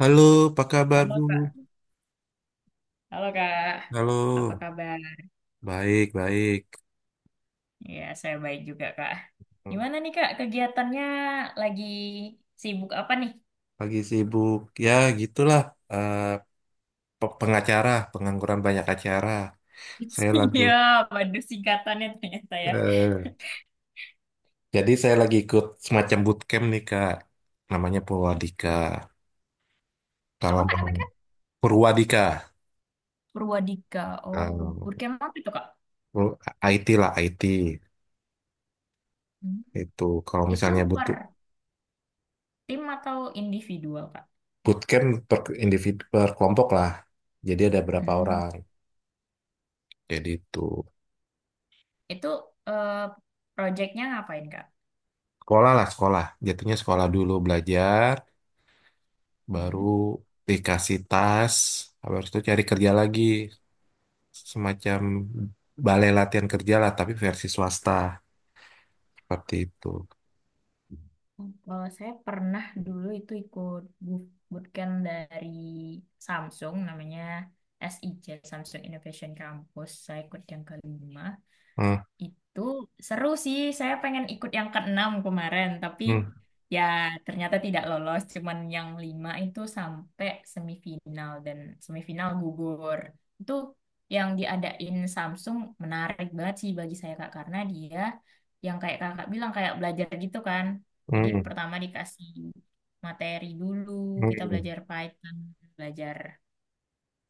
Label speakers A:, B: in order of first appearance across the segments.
A: Halo, apa kabar
B: Halo
A: dulu?
B: Kak, halo Kak,
A: Halo,
B: apa kabar?
A: baik, baik.
B: Ya, saya baik juga Kak. Gimana nih Kak, kegiatannya lagi sibuk apa nih?
A: Pagi sibuk. Ya, gitulah. eh, pengacara, pengangguran banyak acara. Saya lagu.
B: Iya, waduh singkatannya ternyata ya.
A: eh, jadi saya lagi ikut semacam bootcamp nih, Kak. Namanya Purwadika. Kalau
B: Apa Kak
A: mau
B: namanya Kak?
A: Purwadika.
B: Purwadika,
A: eh,
B: oh Purkema apa itu Kak?
A: IT lah, IT.
B: Hmm.
A: Itu kalau
B: Itu
A: misalnya
B: per
A: butuh
B: tim atau individual Kak?
A: bootcamp per individu, per kelompok lah. Jadi ada berapa
B: Hmm.
A: orang. Jadi itu.
B: Itu eh, proyeknya ngapain Kak?
A: Sekolah lah, sekolah. Jatuhnya sekolah dulu belajar, baru
B: Hmm.
A: dikasih tas, habis itu cari kerja lagi. Semacam balai latihan kerja lah, tapi versi swasta. Seperti itu.
B: Kalau saya pernah dulu itu ikut bootcamp dari Samsung, namanya SIJ, Samsung Innovation Campus. Saya ikut yang kelima.
A: Hmm,
B: Itu seru sih. Saya pengen ikut yang keenam kemarin, tapi
A: hmm,
B: ya ternyata tidak lolos. Cuman yang lima itu sampai semifinal dan semifinal gugur. Itu yang diadain Samsung menarik banget sih bagi saya Kak, karena dia yang kayak Kakak bilang kayak belajar gitu kan. Jadi
A: hmm,
B: pertama dikasih materi dulu, kita
A: hmm,
B: belajar Python, belajar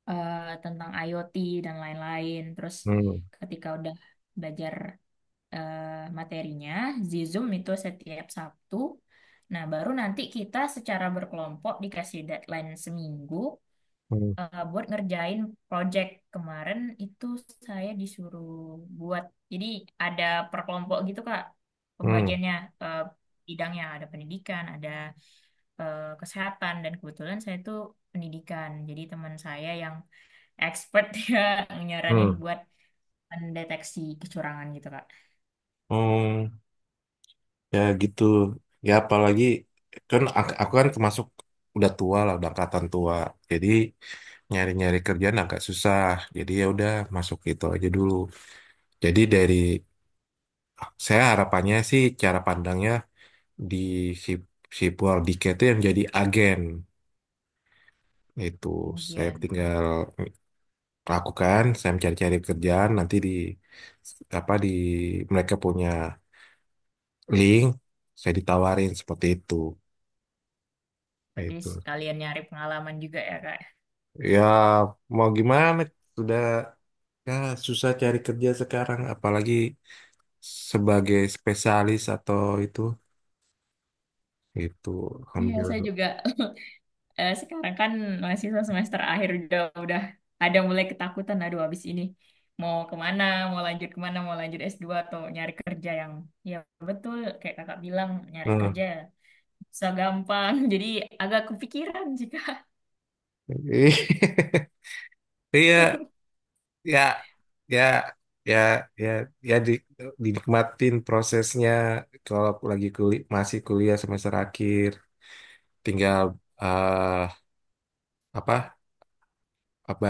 B: tentang IoT dan lain-lain. Terus
A: hmm,
B: ketika udah belajar eh, materinya, Zizum itu setiap Sabtu. Nah, baru nanti kita secara berkelompok dikasih deadline seminggu
A: hmm,
B: buat ngerjain project. Kemarin itu saya disuruh buat, jadi ada per kelompok gitu Kak,
A: hmm,
B: pembagiannya eh, bidangnya ada pendidikan, ada kesehatan, dan kebetulan saya itu pendidikan. Jadi teman saya yang expert ya nyaranin
A: hmm,
B: buat mendeteksi kecurangan gitu Kak.
A: hmm. Ya gitu. Ya apalagi, kan aku kan termasuk udah tua lah, udah angkatan tua. Jadi nyari-nyari kerjaan agak susah. Jadi ya udah masuk itu aja dulu. Jadi dari saya harapannya sih cara pandangnya di si, si Purwardika itu yang jadi agen itu, saya
B: Kemudian.
A: tinggal lakukan, saya mencari-cari kerjaan nanti di apa, di mereka punya link, saya ditawarin seperti itu.
B: Berarti
A: Itu
B: sekalian nyari pengalaman juga ya, Kak.
A: ya mau gimana, sudah ya, susah cari kerja sekarang apalagi sebagai spesialis atau itu
B: Iya,
A: ambil.
B: saya juga sekarang kan mahasiswa semester akhir udah ada mulai ketakutan. Aduh, habis ini mau kemana, mau lanjut S2 atau nyari kerja yang, ya, betul kayak kakak bilang nyari
A: Nah,
B: kerja susah gampang. Jadi agak kepikiran sih Kak.
A: iya, ya, ya, ya, ya, ya, di, dinikmatin prosesnya. Kalau aku lagi kuliah masih kuliah semester akhir, tinggal eh apa, apa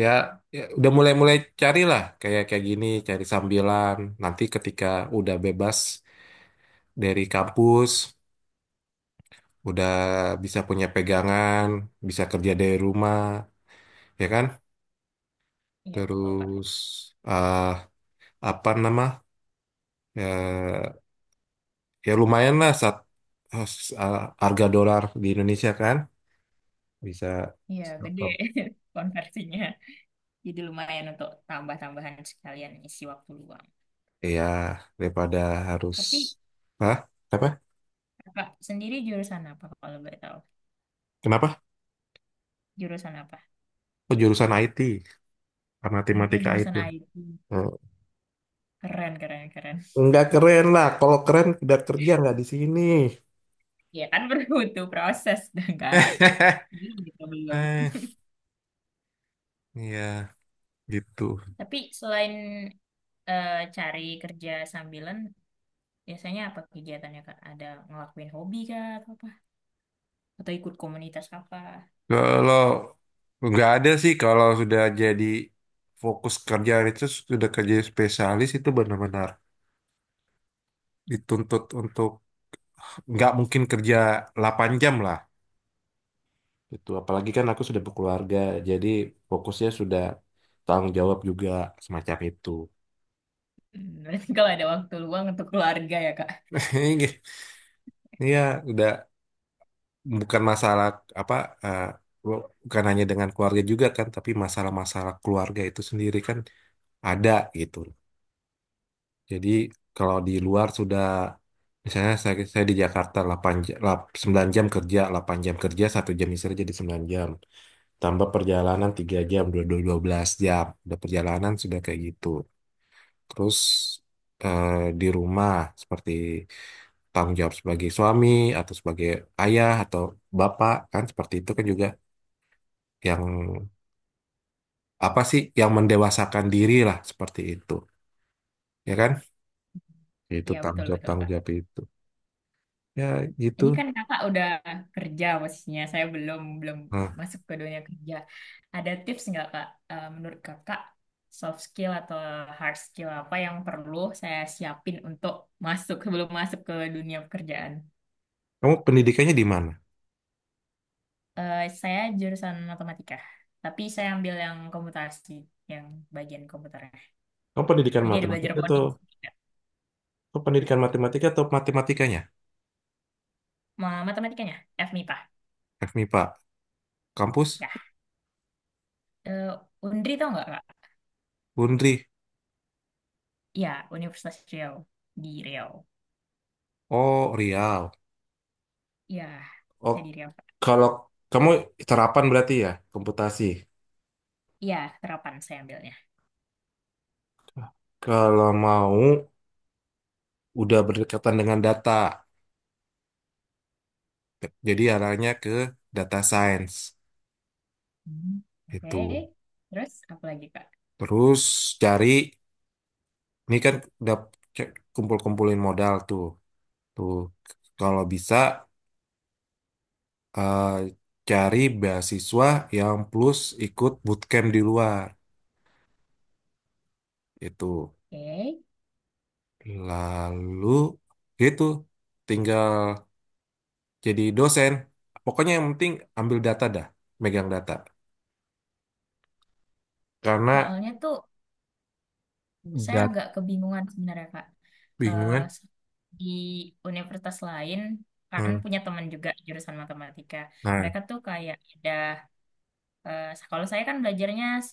A: ya, ya udah mulai-mulai carilah, kayak kayak gini cari sambilan nanti ketika udah bebas dari kampus, udah bisa punya pegangan, bisa kerja dari rumah, ya kan.
B: Iya betul Kak.
A: Terus eh apa nama, ya ya lumayan lah satu. Oh, harga dolar di Indonesia kan bisa,
B: Iya gede konversinya. Jadi lumayan untuk tambah-tambahan sekalian isi waktu luang.
A: ya daripada harus.
B: Tapi
A: Hah? Apa,
B: Kakak sendiri jurusan apa kalau boleh tahu?
A: kenapa?
B: Jurusan apa?
A: Oh, jurusan IT,
B: Hmm,
A: matematika IT.
B: jurusan IT.
A: Eh,
B: Keren, keren, keren.
A: nggak keren lah, kalau keren udah kerja nggak di sini.
B: Ya kan butuh proses, dah enggak? Gitu belum.
A: eh iya, gitu.
B: Tapi selain cari kerja sambilan, biasanya apa kegiatannya, Kak? Ada ngelakuin hobi kah atau apa? Atau ikut komunitas apa?
A: Kalau nggak ada sih, kalau sudah jadi fokus kerja itu, sudah kerja spesialis itu benar-benar dituntut untuk, nggak mungkin kerja 8 jam lah gitu. Apalagi kan aku sudah berkeluarga, jadi fokusnya sudah tanggung jawab juga semacam itu.
B: Berarti kalau ada waktu luang untuk keluarga ya, Kak?
A: Iya, udah bukan masalah apa, eh, bukan hanya dengan keluarga juga kan, tapi masalah-masalah keluarga itu sendiri kan ada gitu. Jadi kalau di luar sudah misalnya saya di Jakarta 8 jam, 9 jam kerja, 8 jam kerja, 1 jam istirahat jadi 9 jam. Tambah perjalanan 3 jam, 12 jam. Udah perjalanan sudah kayak gitu. Terus eh, di rumah seperti tanggung jawab sebagai suami atau sebagai ayah atau bapak kan seperti itu kan juga, yang apa sih yang mendewasakan diri lah seperti itu, ya kan, itu
B: Iya,
A: tanggung
B: betul,
A: jawab,
B: betul,
A: tanggung
B: Kak.
A: jawab itu, ya gitu.
B: Ini kan kakak udah kerja posisinya, saya belum belum
A: Nah,
B: masuk ke dunia kerja. Ada tips nggak kak? Menurut kakak soft skill atau hard skill apa yang perlu saya siapin untuk masuk sebelum masuk ke dunia pekerjaan?
A: kamu pendidikannya di mana?
B: Saya jurusan matematika, tapi saya ambil yang komputasi, yang bagian komputernya.
A: Kamu pendidikan
B: Jadi ada belajar
A: matematika atau,
B: coding juga.
A: kamu pendidikan matematika atau matematikanya?
B: Matematikanya, FMIPA.
A: FMIPA, kampus
B: Ya. Eh, Undri tau nggak kak?
A: Undri.
B: Ya, Universitas Riau di Riau.
A: Oh Riau,
B: Ya,
A: oh.
B: saya di Riau.
A: Kalau kamu terapan berarti ya komputasi.
B: Iya, terapan saya ambilnya.
A: Kalau mau, udah berdekatan dengan data. Jadi arahnya ke data science.
B: Hmm. Oke,
A: Itu.
B: terus apa lagi Kak?
A: Terus cari, ini kan udah kumpul-kumpulin modal tuh. Tuh, kalau bisa eh, cari beasiswa yang plus ikut bootcamp di luar. Itu.
B: Oke,
A: Lalu, gitu. Tinggal jadi dosen. Pokoknya yang penting ambil data dah. Megang data. Karena
B: soalnya tuh saya
A: dat
B: agak kebingungan sebenarnya Kak. Eh,
A: bingungan.
B: di universitas lain kan punya teman juga jurusan matematika.
A: Nah,
B: Mereka tuh kayak ada. Eh, kalau saya kan belajarnya C++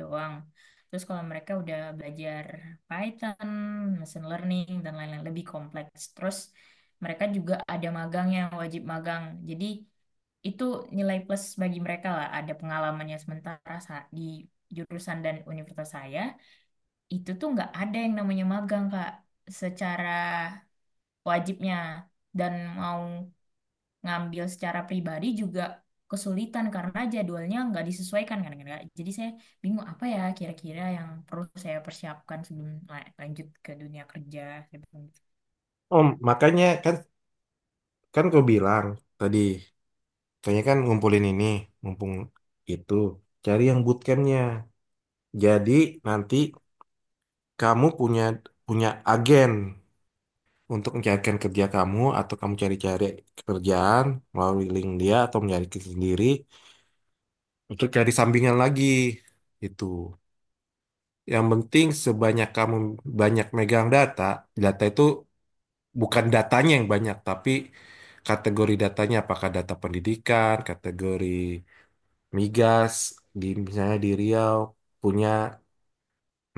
B: doang. Terus kalau mereka udah belajar Python, machine learning, dan lain-lain lebih kompleks. Terus mereka juga ada magang, yang wajib magang. Jadi itu nilai plus bagi mereka lah. Ada pengalamannya, sementara di jurusan dan universitas saya, itu tuh nggak ada yang namanya magang, Kak. Secara wajibnya. Dan mau ngambil secara pribadi juga kesulitan karena jadwalnya nggak disesuaikan kan kan Kak. Jadi saya bingung apa ya kira-kira yang perlu saya persiapkan sebelum lanjut ke dunia kerja. Saya gitu.
A: om, makanya kan, gue bilang tadi, kayaknya kan ngumpulin ini mumpung itu, cari yang bootcampnya. Jadi nanti kamu punya, punya agen untuk mencarikan kerja kamu, atau kamu cari-cari pekerjaan melalui link dia, atau mencari sendiri untuk cari sampingan lagi itu. Yang penting sebanyak kamu banyak megang data. Data itu bukan datanya yang banyak, tapi kategori datanya, apakah data pendidikan, kategori migas di misalnya di Riau punya.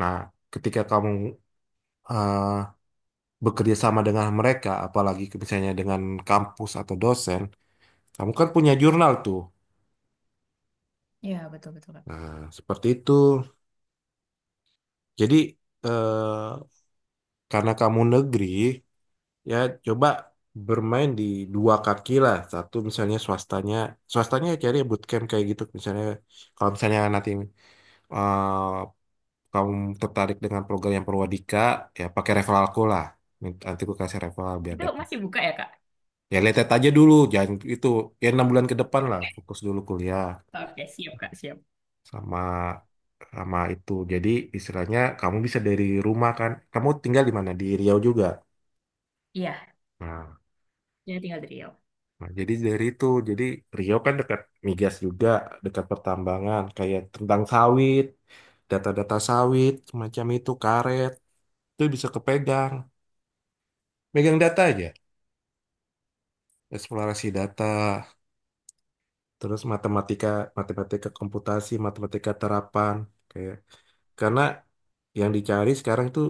A: Nah, ketika kamu eh, bekerja sama dengan mereka, apalagi misalnya dengan kampus atau dosen, kamu kan punya jurnal tuh.
B: Ya, betul-betul, Kak.
A: Nah, seperti itu. Jadi eh, karena kamu negeri, ya coba bermain di dua kaki lah, satu misalnya swastanya, swastanya ya cari bootcamp kayak gitu misalnya. Kalau misalnya nanti eh, kamu tertarik dengan program yang Perwadika, ya pakai referral aku lah. Nanti aku kasih referral biar
B: Itu
A: dapat,
B: masih buka ya Kak?
A: ya lihat aja dulu, jangan itu, ya 6 bulan ke depan lah fokus dulu kuliah.
B: Oke siap Kak, siap.
A: Sama, sama itu jadi istilahnya kamu bisa dari rumah kan, kamu tinggal di mana, di Riau juga.
B: Iya,
A: Nah,
B: jadi tinggal di Riau.
A: Nah, jadi dari itu, jadi Rio kan dekat migas juga, dekat pertambangan, kayak tentang sawit, data-data sawit, semacam itu, karet, itu bisa kepegang. Megang data aja, eksplorasi data, terus matematika, matematika komputasi, matematika terapan, kayak, karena yang dicari sekarang itu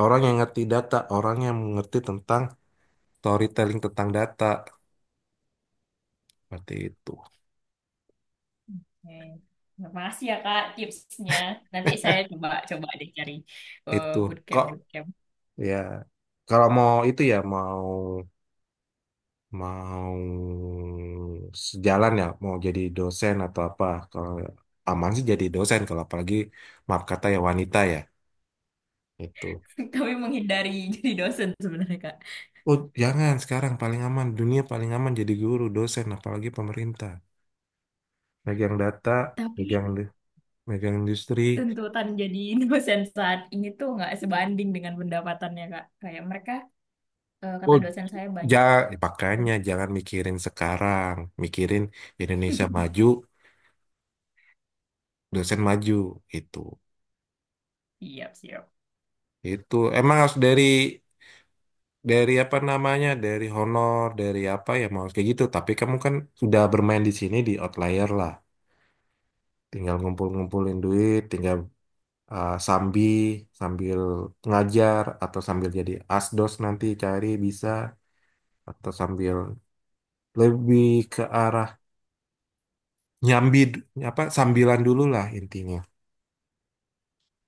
A: orang yang ngerti data, orang yang mengerti tentang storytelling tentang data, seperti itu.
B: Oke. Terima kasih ya Kak tipsnya. Nanti saya coba coba deh cari
A: Itu
B: bootcamp
A: kok,
B: bootcamp.
A: ya kalau mau itu ya mau, mau sejalan ya, mau jadi dosen atau apa. Kalau aman sih jadi dosen, kalau apalagi maaf kata ya wanita ya, itu.
B: Tapi menghindari jadi dosen sebenarnya Kak.
A: Oh jangan, sekarang paling aman, dunia paling aman jadi guru, dosen apalagi pemerintah. Megang data,
B: Tapi
A: megang, industri.
B: tuntutan jadi dosen saat ini tuh nggak sebanding dengan pendapatannya Kak. Kayak mereka kata
A: Oh
B: dosen saya
A: ja
B: banyak.
A: makanya jangan mikirin sekarang, mikirin Indonesia maju, dosen maju, itu.
B: Siap, siap.
A: Itu emang harus dari, apa namanya, dari honor, dari apa, ya mau kayak gitu, tapi kamu kan sudah bermain di sini di outlier lah, tinggal ngumpul-ngumpulin duit, tinggal uh, sambi sambil ngajar atau sambil jadi asdos, nanti cari bisa, atau sambil lebih ke arah nyambi, apa, sambilan dulu lah intinya,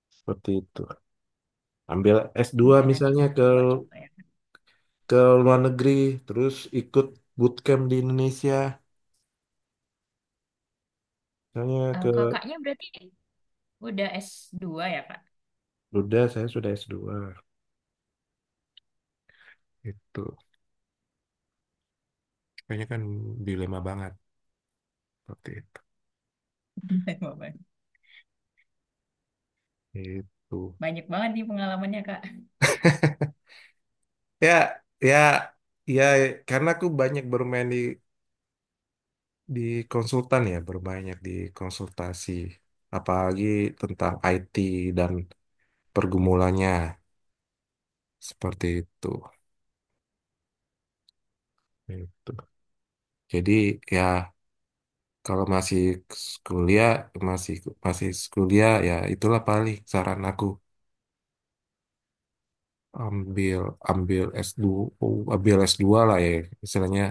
A: seperti itu. Ambil S2
B: Oke, nanti
A: misalnya,
B: saya
A: ke
B: coba coba ya.
A: ke luar negeri, terus ikut bootcamp di Indonesia misalnya,
B: Eh,
A: ke.
B: kakaknya berarti udah S2 ya, Kak?
A: Udah, saya sudah S2. Itu kayaknya kan dilema banget seperti itu. Itu.
B: Banyak banget nih pengalamannya, Kak.
A: Ya, ya, ya, karena aku banyak bermain di di konsultan ya, berbanyak di konsultasi, apalagi tentang IT dan pergumulannya seperti itu. Itu. Jadi ya kalau masih kuliah, masih masih kuliah, ya itulah paling saran aku, ambil, S2, ambil s dua lah ya istilahnya.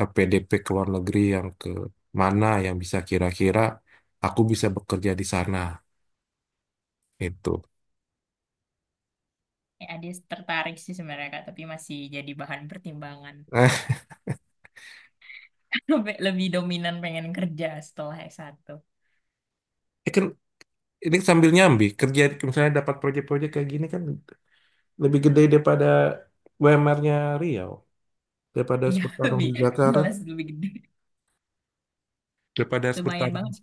A: PDP ke luar negeri yang ke mana, yang bisa kira-kira aku bisa bekerja di sana, itu.
B: Adis tertarik sih sebenarnya, Kak, tapi masih jadi bahan pertimbangan.
A: Eh,
B: Lebih lebih dominan pengen kerja setelah S1.
A: ini kan ini sambil nyambi kerja, misalnya dapat proyek-proyek kayak gini kan lebih gede daripada UMR-nya Riau, daripada harus
B: Iya,
A: bertarung
B: lebih
A: di Jakarta,
B: jelas, lebih gede.
A: daripada harus
B: Lumayan
A: bertarung
B: banget.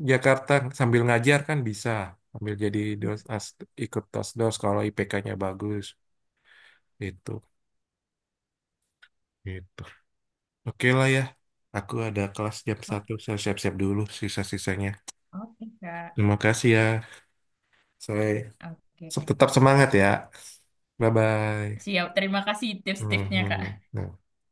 A: di Jakarta. Sambil ngajar kan bisa, sambil jadi dos as, ikut dos, kalau IPK-nya bagus, itu gitu. Oke lah ya, aku ada kelas jam
B: Oh,
A: satu saya siap-siap dulu, sisa-sisanya.
B: oke, Kak.
A: Terima kasih ya. Saya
B: Oke.
A: tetap semangat ya. Bye bye.
B: Siap, terima kasih tips-tipsnya,
A: Hmm,
B: Kak.
A: hmm.